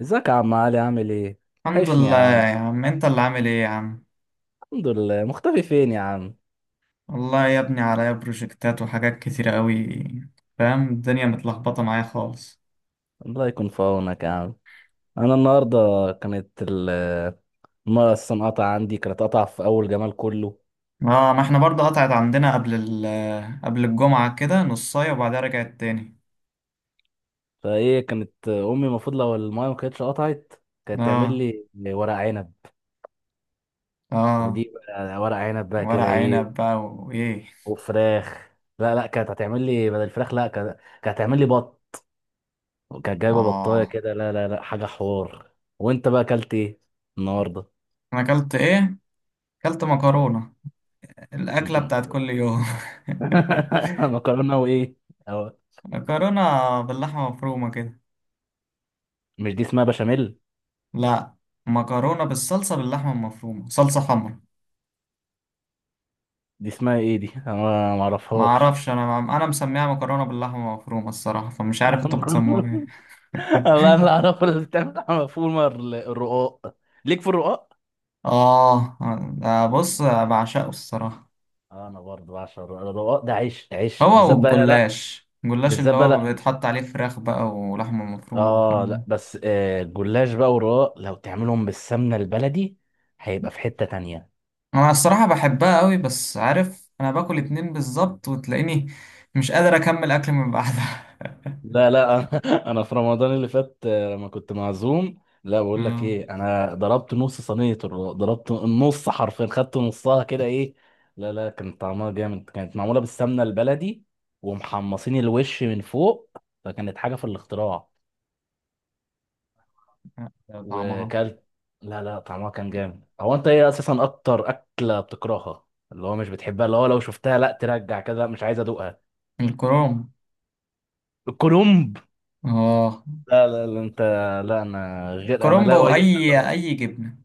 ازيك يا عم علي؟ عامل ايه؟ الحمد وحشني يا لله عم. يا عم. انت اللي عامل ايه يا عم؟ الحمد لله، مختفي فين يا عم؟ والله يا ابني عليا بروجكتات وحاجات كتيرة قوي. فاهم الدنيا متلخبطة معايا خالص. الله يكون في عونك يا عم. انا النهارده كانت الميه اصلا قطع عندي، كانت قطع في اول جمال كله. اه، ما احنا برضه قطعت عندنا قبل قبل الجمعة كده نصاية وبعدها رجعت تاني. فايه كانت امي المفروض لو الميه ما كانتش قطعت كانت تعمل اه. لي ورق عنب، اه، ودي بقى ورق عنب بقى ورق كده ايه عنب بقى وايه؟ وفراخ. لا كانت هتعمل لي بدل الفراخ، لا كانت، كانت هتعمل لي بط، كانت جايبه بطايه اه. كده، لا حاجه حوار. وانت بقى اكلت ايه النهارده؟ انا اكلت ايه؟ اكلت مكرونة، الاكلة بتاعت كل يوم. مكرونه وايه؟ أو مكرونة باللحمة مفرومة كده. مش دي اسمها بشاميل؟ لا، مكرونة بالصلصة باللحمة المفرومة، صلصة حمرا. دي اسمها ايه دي؟ انا ما ما اعرفهاش. اعرفش، انا مسميها مكرونه باللحمه مفرومه الصراحه، فمش عارف انتوا مكرونه. بتسموها ايه. والله انا اعرف اللي بتعمل مفهوم الرقاق، ليك في الرقاق. اه. ده بص، بعشقه الصراحه. آه، انا برضه بعشق الرقاق، الرقاق ده عيش، عيش هو بالذات بقى لا. والجلاش، الجلاش بالذات اللي بقى هو لا، بيتحط عليه فراخ بقى ولحمه مفرومه اه وحاجات دي. لا بس آه الجلاش بقى والرقاق لو تعملهم بالسمنه البلدي هيبقى في حته تانية. انا الصراحه بحبها قوي، بس عارف، انا باكل اتنين بالظبط وتلاقيني مش قادر اكمل اكل من بعدها. لا أنا في رمضان اللي فات آه، لما كنت معزوم، لا بقول لك آه. ايه، انا ضربت نص صينيه ضربت النص حرفيا، خدت نصها كده ايه. لا كان طعمها جامد، كانت معموله بالسمنه البلدي ومحمصين الوش من فوق، فكانت حاجه في الاختراع. ده طعمها. وكلت، لا طعمها كان جامد. هو انت ايه اساسا اكتر اكله بتكرهها، اللي هو مش بتحبها، اللي هو لو شفتها لا ترجع كده مش عايز ادوقها؟ الكروم. الكرنب، اه لا انت، لا انا غير، انا لا كرومبو، اؤيد. اي جبنه،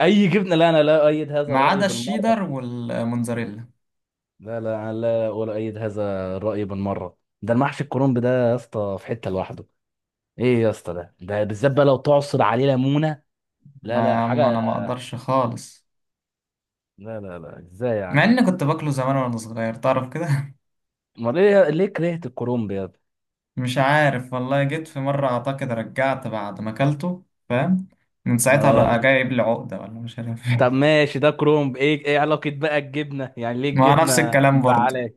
أي جبنة، لا أنا لا أؤيد هذا ما الرأي عدا بالمرة. الشيدر والموتزاريلا. لا أنا لا ولا أؤيد هذا الرأي بالمرة، ده المحشي الكرنب ده يا اسطى في حتة لوحده. إيه يا اسطى، ده بالذات بقى لو تعصر عليه ليمونة. ما لا يا لا عم حاجة، انا ما اقدرش خالص، لا إزاي مع يعني؟ اني كنت باكله زمان وانا صغير تعرف كده. أمال ليه؟ ليه كرهت الكرنب يا ابني؟ مش عارف والله، جيت في مرة اعتقد رجعت بعد ما اكلته فاهم. من ساعتها بقى آه. جايب لي عقدة ولا مش عارف طب إيه. ماشي، ده كرنب، إيه إيه علاقة بقى الجبنة؟ يعني ليه ما نفس الجبنة الكلام برضو. مزعلاك؟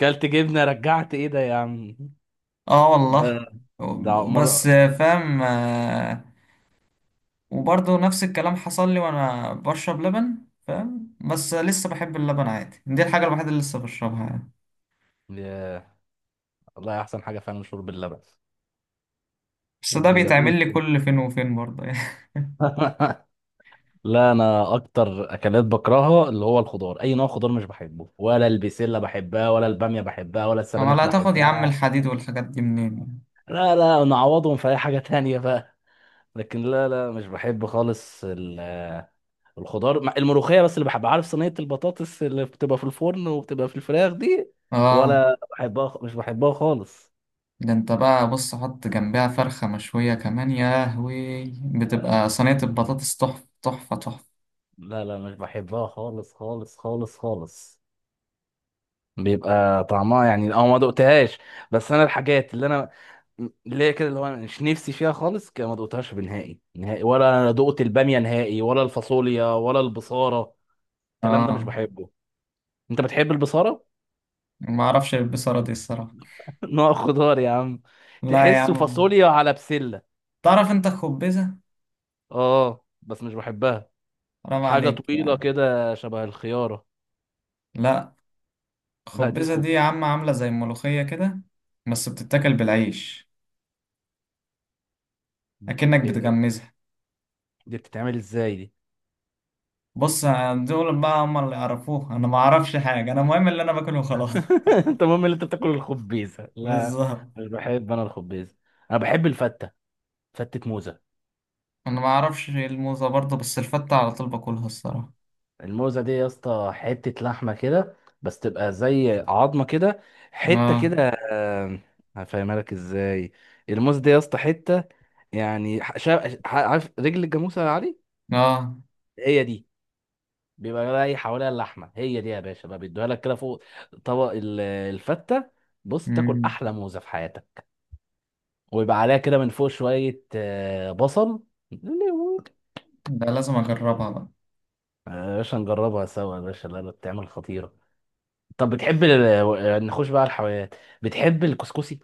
كلت جبنة رجعت، إيه ده يا عم؟ اه ده والله. ده مرة. بس. فاهم. وبرضو نفس الكلام حصل لي وانا بشرب لبن. فاهم، بس لسه بحب اللبن عادي، دي الحاجة الوحيدة اللي لسه بشربها يعني. ياه، والله أحسن حاجة فعلا شرب اللبن. بس ده بيبقى فيه. بيتعمل لي كل فين وفين برضه يعني. لا انا اكتر اكلات بكرهها اللي هو الخضار، اي نوع خضار مش بحبه، ولا البسله بحبها، ولا الباميه بحبها، ولا اما السبانخ لا تاخد يا عم بحبها. الحديد والحاجات دي منين؟ لا نعوضهم في اي حاجه تانية بقى، لكن لا مش بحب خالص الخضار الملوخيه بس اللي بحبها. عارف صينيه البطاطس اللي بتبقى في الفرن وبتبقى في الفراخ دي؟ اه. ولا بحبها، مش بحبها خالص. ده انت بقى بص، حط جنبها فرخة مشوية كمان، يا لهوي بتبقى صينية البطاطس تحفة تحفة تحفة. لا مش بحبها خالص خالص خالص خالص. بيبقى طعمها يعني اه ما دقتهاش. بس انا الحاجات اللي هي كده اللي هو أنا مش نفسي فيها خالص كده ما دقتهاش بنهائي نهائي. ولا انا دقت الباميه نهائي، ولا الفاصوليا، ولا البصاره. الكلام ده مش اه، بحبه. انت بتحب البصاره؟ ما اعرفش البصرة دي الصراحة. نوع خضار يا عم، لا يا تحسه عم. فاصوليا على بسله. تعرف انت خبزة؟ اه بس مش بحبها، حرام حاجه عليك طويله يعني. كده شبه الخياره. لا، لا دي خبزة دي يا عم عاملة زي الملوخية كده، بس بتتاكل بالعيش، اكنك إيه-، بتغمزها. دي بتتعمل ازاي دي؟ بص، دول بقى هم اللي يعرفوه، انا ما اعرفش حاجة، انا المهم اللي انا باكله خلاص. انت المهم ان انت بتاكل الخبيزه، لا بالظبط. مش بحب انا الخبيزه. انا بحب الفته، فتة موزة. انا ما اعرفش الموزة برضه، بس الفتة على طول باكلها الصراحة. الموزة دي يا اسطى حتة لحمة كده، بس تبقى زي عظمة كده، حتة اه. كده آم، هفهمها لك ازاي. الموزة دي يا اسطى حتة، يعني عارف رجل الجاموسة يا علي؟ اه. هي دي، بيبقى راي حواليها اللحمة. هي دي يا باشا بقى بيدوها لك كده فوق طبق الفتة. بص تاكل مم. أحلى موزة في حياتك، ويبقى عليها كده من فوق شوية آه، بصل. ده لازم اجربها بقى. آه، يا باشا نجربها سوا يا باشا، لا بتعمل خطيرة. طب بتحب ال... آه، نخش بقى على الحلويات. بتحب الكسكسي؟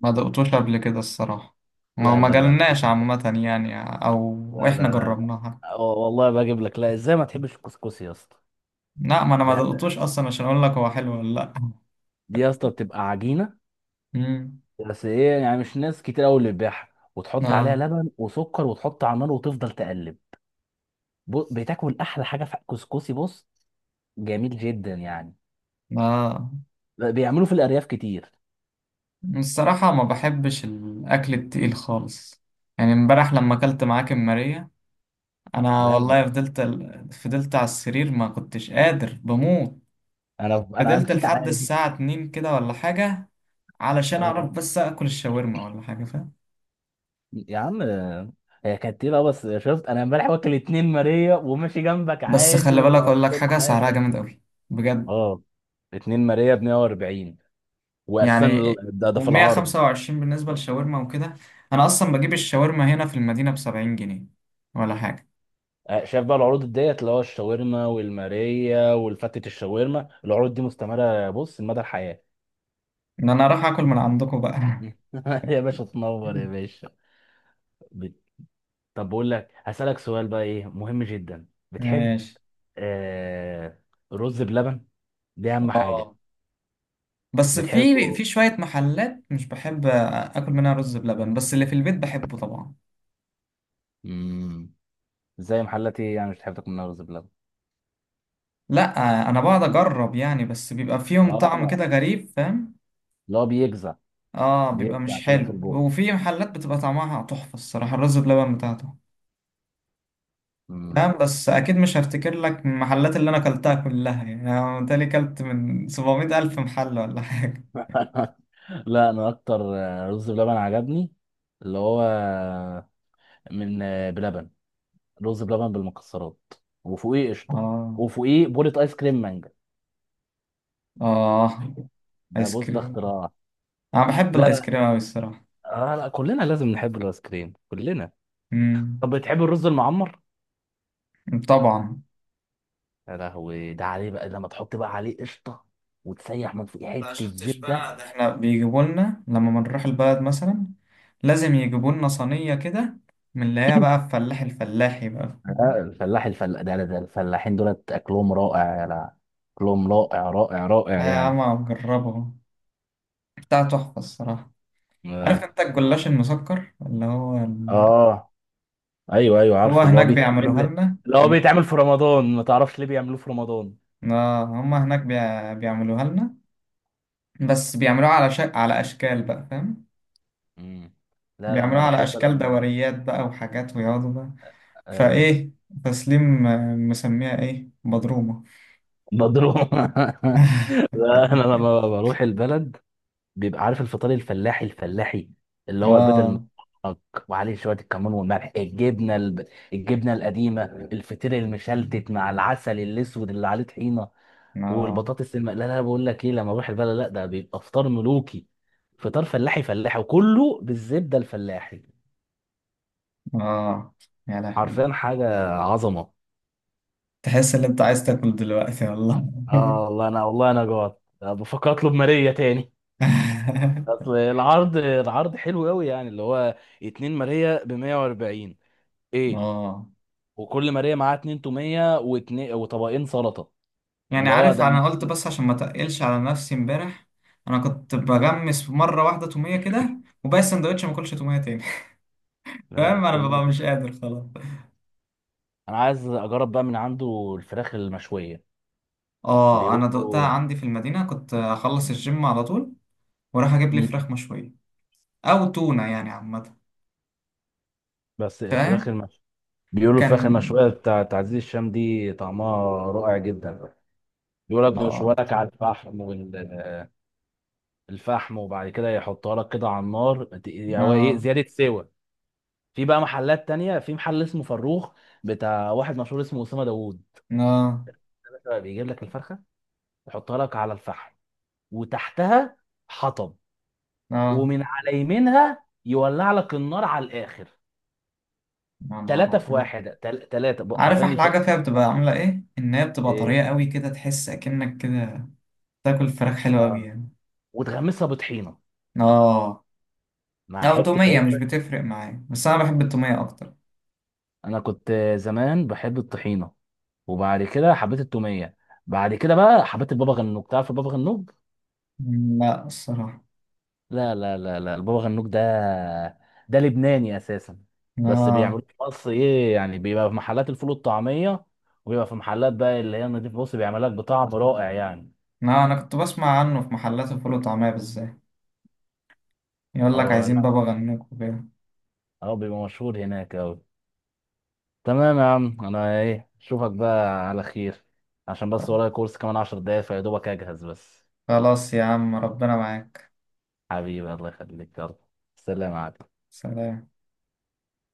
ما دقتوش قبل كده الصراحة، ما لا ما لا لا جالناش عامة يعني، او لا احنا لا لا لا. جربناها. والله بجيب لك، لا ازاي ما تحبش الكسكسي يا اسطى؟ لا، ما انا ما ده- دقتوش اصلا عشان اقول لك هو حلو ولا لا. دي يا اسطى بتبقى عجينه، مم. بس ايه يعني مش ناس كتير قوي اللي بتبيعها، وتحط عليها اه. لبن وسكر وتحط على النار وتفضل تقلب. بتاكل احلى حاجه في الكسكسي، بص جميل جدا يعني. اه. بيعملوا في الارياف كتير. الصراحة ما بحبش الاكل التقيل خالص. يعني امبارح لما اكلت معاك ماريا، انا انا والله فضلت على السرير، ما كنتش قادر، بموت. انا أنا فضلت مشيت لحد على دي. الساعة 2 كده ولا حاجة، علشان اعرف بس اكل الشاورما ولا حاجه فاهم. يا عم هي كانت ايه بقى؟ بس شفت انا امبارح واكل اتنين ماريا وماشي جنبك بس عادي خلي بالك اقول لك وكل حاجه، سعرها حاجه. جامد قوي بجد. اه، اتنين ماريا ب 140، واساسا يعني ده في العرض. و125 بالنسبه للشاورما وكده. انا اصلا بجيب الشاورما هنا في المدينه ب 70 جنيه ولا حاجه. آه، شايف بقى العروض ديت اللي هو الشاورما والماريا والفتة الشاورما، العروض دي مستمرة بص لمدى الحياة. ان انا اروح اكل من عندكم بقى. يا باشا تنور يا باشا. بت- طب بقول لك هسألك سؤال بقى ايه مهم جدا. بتحب ماشي. آه رز بلبن؟ دي اهم حاجة. اه، بس في بتحبه. في شويه محلات مش بحب اكل منها رز بلبن، بس اللي في البيت بحبه طبعا. مم. زي محلات ايه يعني مش بتحب تاكل منها رز بلبن؟ لا انا بقعد اجرب يعني، بس بيبقى فيهم طعم اه. كده غريب فاهم. اللي هو بيجزع، اه، بيبقى بيجزع مش كده في حلو، البوق. وفي محلات بتبقى طعمها تحفة الصراحة الرز بلبن بتاعته. مم. فاهم، بس أكيد مش هفتكر لك المحلات اللي أنا كلتها كلها، يعني أنا متهيألي كلت من 700 ألف محل ولا حاجة. لا انا اكتر آه، رز بلبن عجبني اللي هو آه، من آه، بلبن، رز بلبن بالمكسرات وفوقيه قشطه، اه. وفوقيه بولة ايس كريم مانجا. اه. ده آيس بص ده كريم. اختراع. أنا بحب لا الآيس لا كريم أوي الصراحة. آه لا كلنا لازم نحب الايس كريم كلنا. امم. طب بتحب الرز المعمر؟ طبعا. يا لهوي ده عليه بقى لما تحط بقى عليه قشطه وتسيح من فوق ما حته شفتش بقى، ده زبده. احنا بيجيبوا لنا لما بنروح البلد مثلا، لازم يجيبوا لنا صينية كده من اللي هي بقى الفلاح، الفلاحي بقى. لا الفلاح الفلا ده, ده ده الفلاحين دولت اكلهم رائع. لا اكلهم رائع رائع آه رائع يا يعني. عم، أجربه. بتاع تحفة الصراحة. اه. عارف انت آه. الجلاش المسكر اللي هو آه. ايوه ايوه هو عارفه اللي هو هناك بيعملوها بيتعمل، لنا. اللي هو ماشي. بيتعمل في رمضان. ما تعرفش ليه بيعملوه في رمضان؟ اه، هما هناك بيعملوها لنا، بس بيعملوها على على اشكال بقى فاهم. مم. لا بيعملوها انا على بحب اشكال لما، دوريات بقى وحاجات ويقعدوا بقى. ايوه، فايه، تسليم مسميها ايه، بضرومه. مضروب. لا انا لما بروح البلد بيبقى عارف الفطار الفلاحي الفلاحي، اللي هو البيض اه. المسلوق وعليه شويه الكمون والملح، الجبنه الجبنه القديمه، الفطير المشلتت مع العسل الاسود اللي عليه طحينه، اه. والبطاطس لا بقول لك ايه، لما اروح البلد لا ده بيبقى فطار ملوكي، فطار فلاحي فلاحي وكله بالزبده الفلاحي، اه. يا لهوي، حرفيا حاجه عظمه. تحس ان انت عايز تاكل دلوقتي والله. اه والله، انا والله جوعت بفكر اطلب ماريا تاني. اصل العرض، العرض حلو قوي يعني، اللي هو اتنين ماريا ب 140، ايه. اه. وكل ماريا معاها اتنين توميه واتنين وطبقين سلطه. يعني اللي هو عارف انا قلت بس عشان ما تقلش على نفسي، امبارح انا كنت بغمس مره واحده توميه كده، وباقي السندوتش ما اكلش توميه تاني. فاهم انا التوميه ببقى دي. مش قادر خلاص. انا عايز اجرب بقى من عنده الفراخ المشويه. اه، انا دقتها بيقولوا، عندي في المدينه، كنت اخلص الجيم على طول واروح اجيب لي مم. فراخ مشويه او تونه يعني عامه. بس الفراخ فاهم. المشويه، بيقولوا الفراخ كان. المشويه بتاعت عزيز الشام دي طعمها رائع جدا. بيقول لك بيشوها اه. لك على الفحم والفحم، وبعد كده يحطها لك كده على النار يعني هو ايه اه. زياده سوى. في بقى محلات تانية، في محل اسمه فروخ بتاع واحد مشهور اسمه اسامه داوود، اه. بيجيب لك الفرخه يحطها لك على الفحم وتحتها حطب اه. ومن على يمينها يولع لك النار على الاخر. يا نهار ثلاثة في أبيض. واحد، ثلاثة عارف حرفيا احلى الفرق. حاجه فيها بتبقى عامله ايه؟ ان هي بتبقى ايه طريه قوي كده، تحس اكنك كده تاكل فراخ حلوه قوي اه. يعني. وتغمسها بطحينة اه. مع أو حتة تومية عيش مش بس. بتفرق معايا، بس أنا بحب التومية أكتر. انا كنت زمان بحب الطحينة، وبعد كده حبيت التومية، بعد كده بقى حبيت البابا غنوج. تعرف البابا غنوج؟ مم، لا الصراحة. لا البابا غنوج ده، ده لبناني اساسا، بس لا، بيعملوه في مصر. ايه يعني، بيبقى في محلات الفول والطعميه، وبيبقى في محلات بقى اللي هي النضيف بص بيعمل لك بطعم رائع يعني. لا أنا كنت بسمع عنه في محلات الفول وطعمية بالذات، يقول لك هو عايزين لا، بابا غنوج وكده. هو بيبقى مشهور هناك اوي. تمام يا عم، انا ايه اشوفك بقى على خير، عشان بس ورايا كورس كمان 10 دقايق فيا دوبك اجهز بس. خلاص يا عم، ربنا معاك. حبيبي الله يخليك، يلا سلام عليكم. سلام.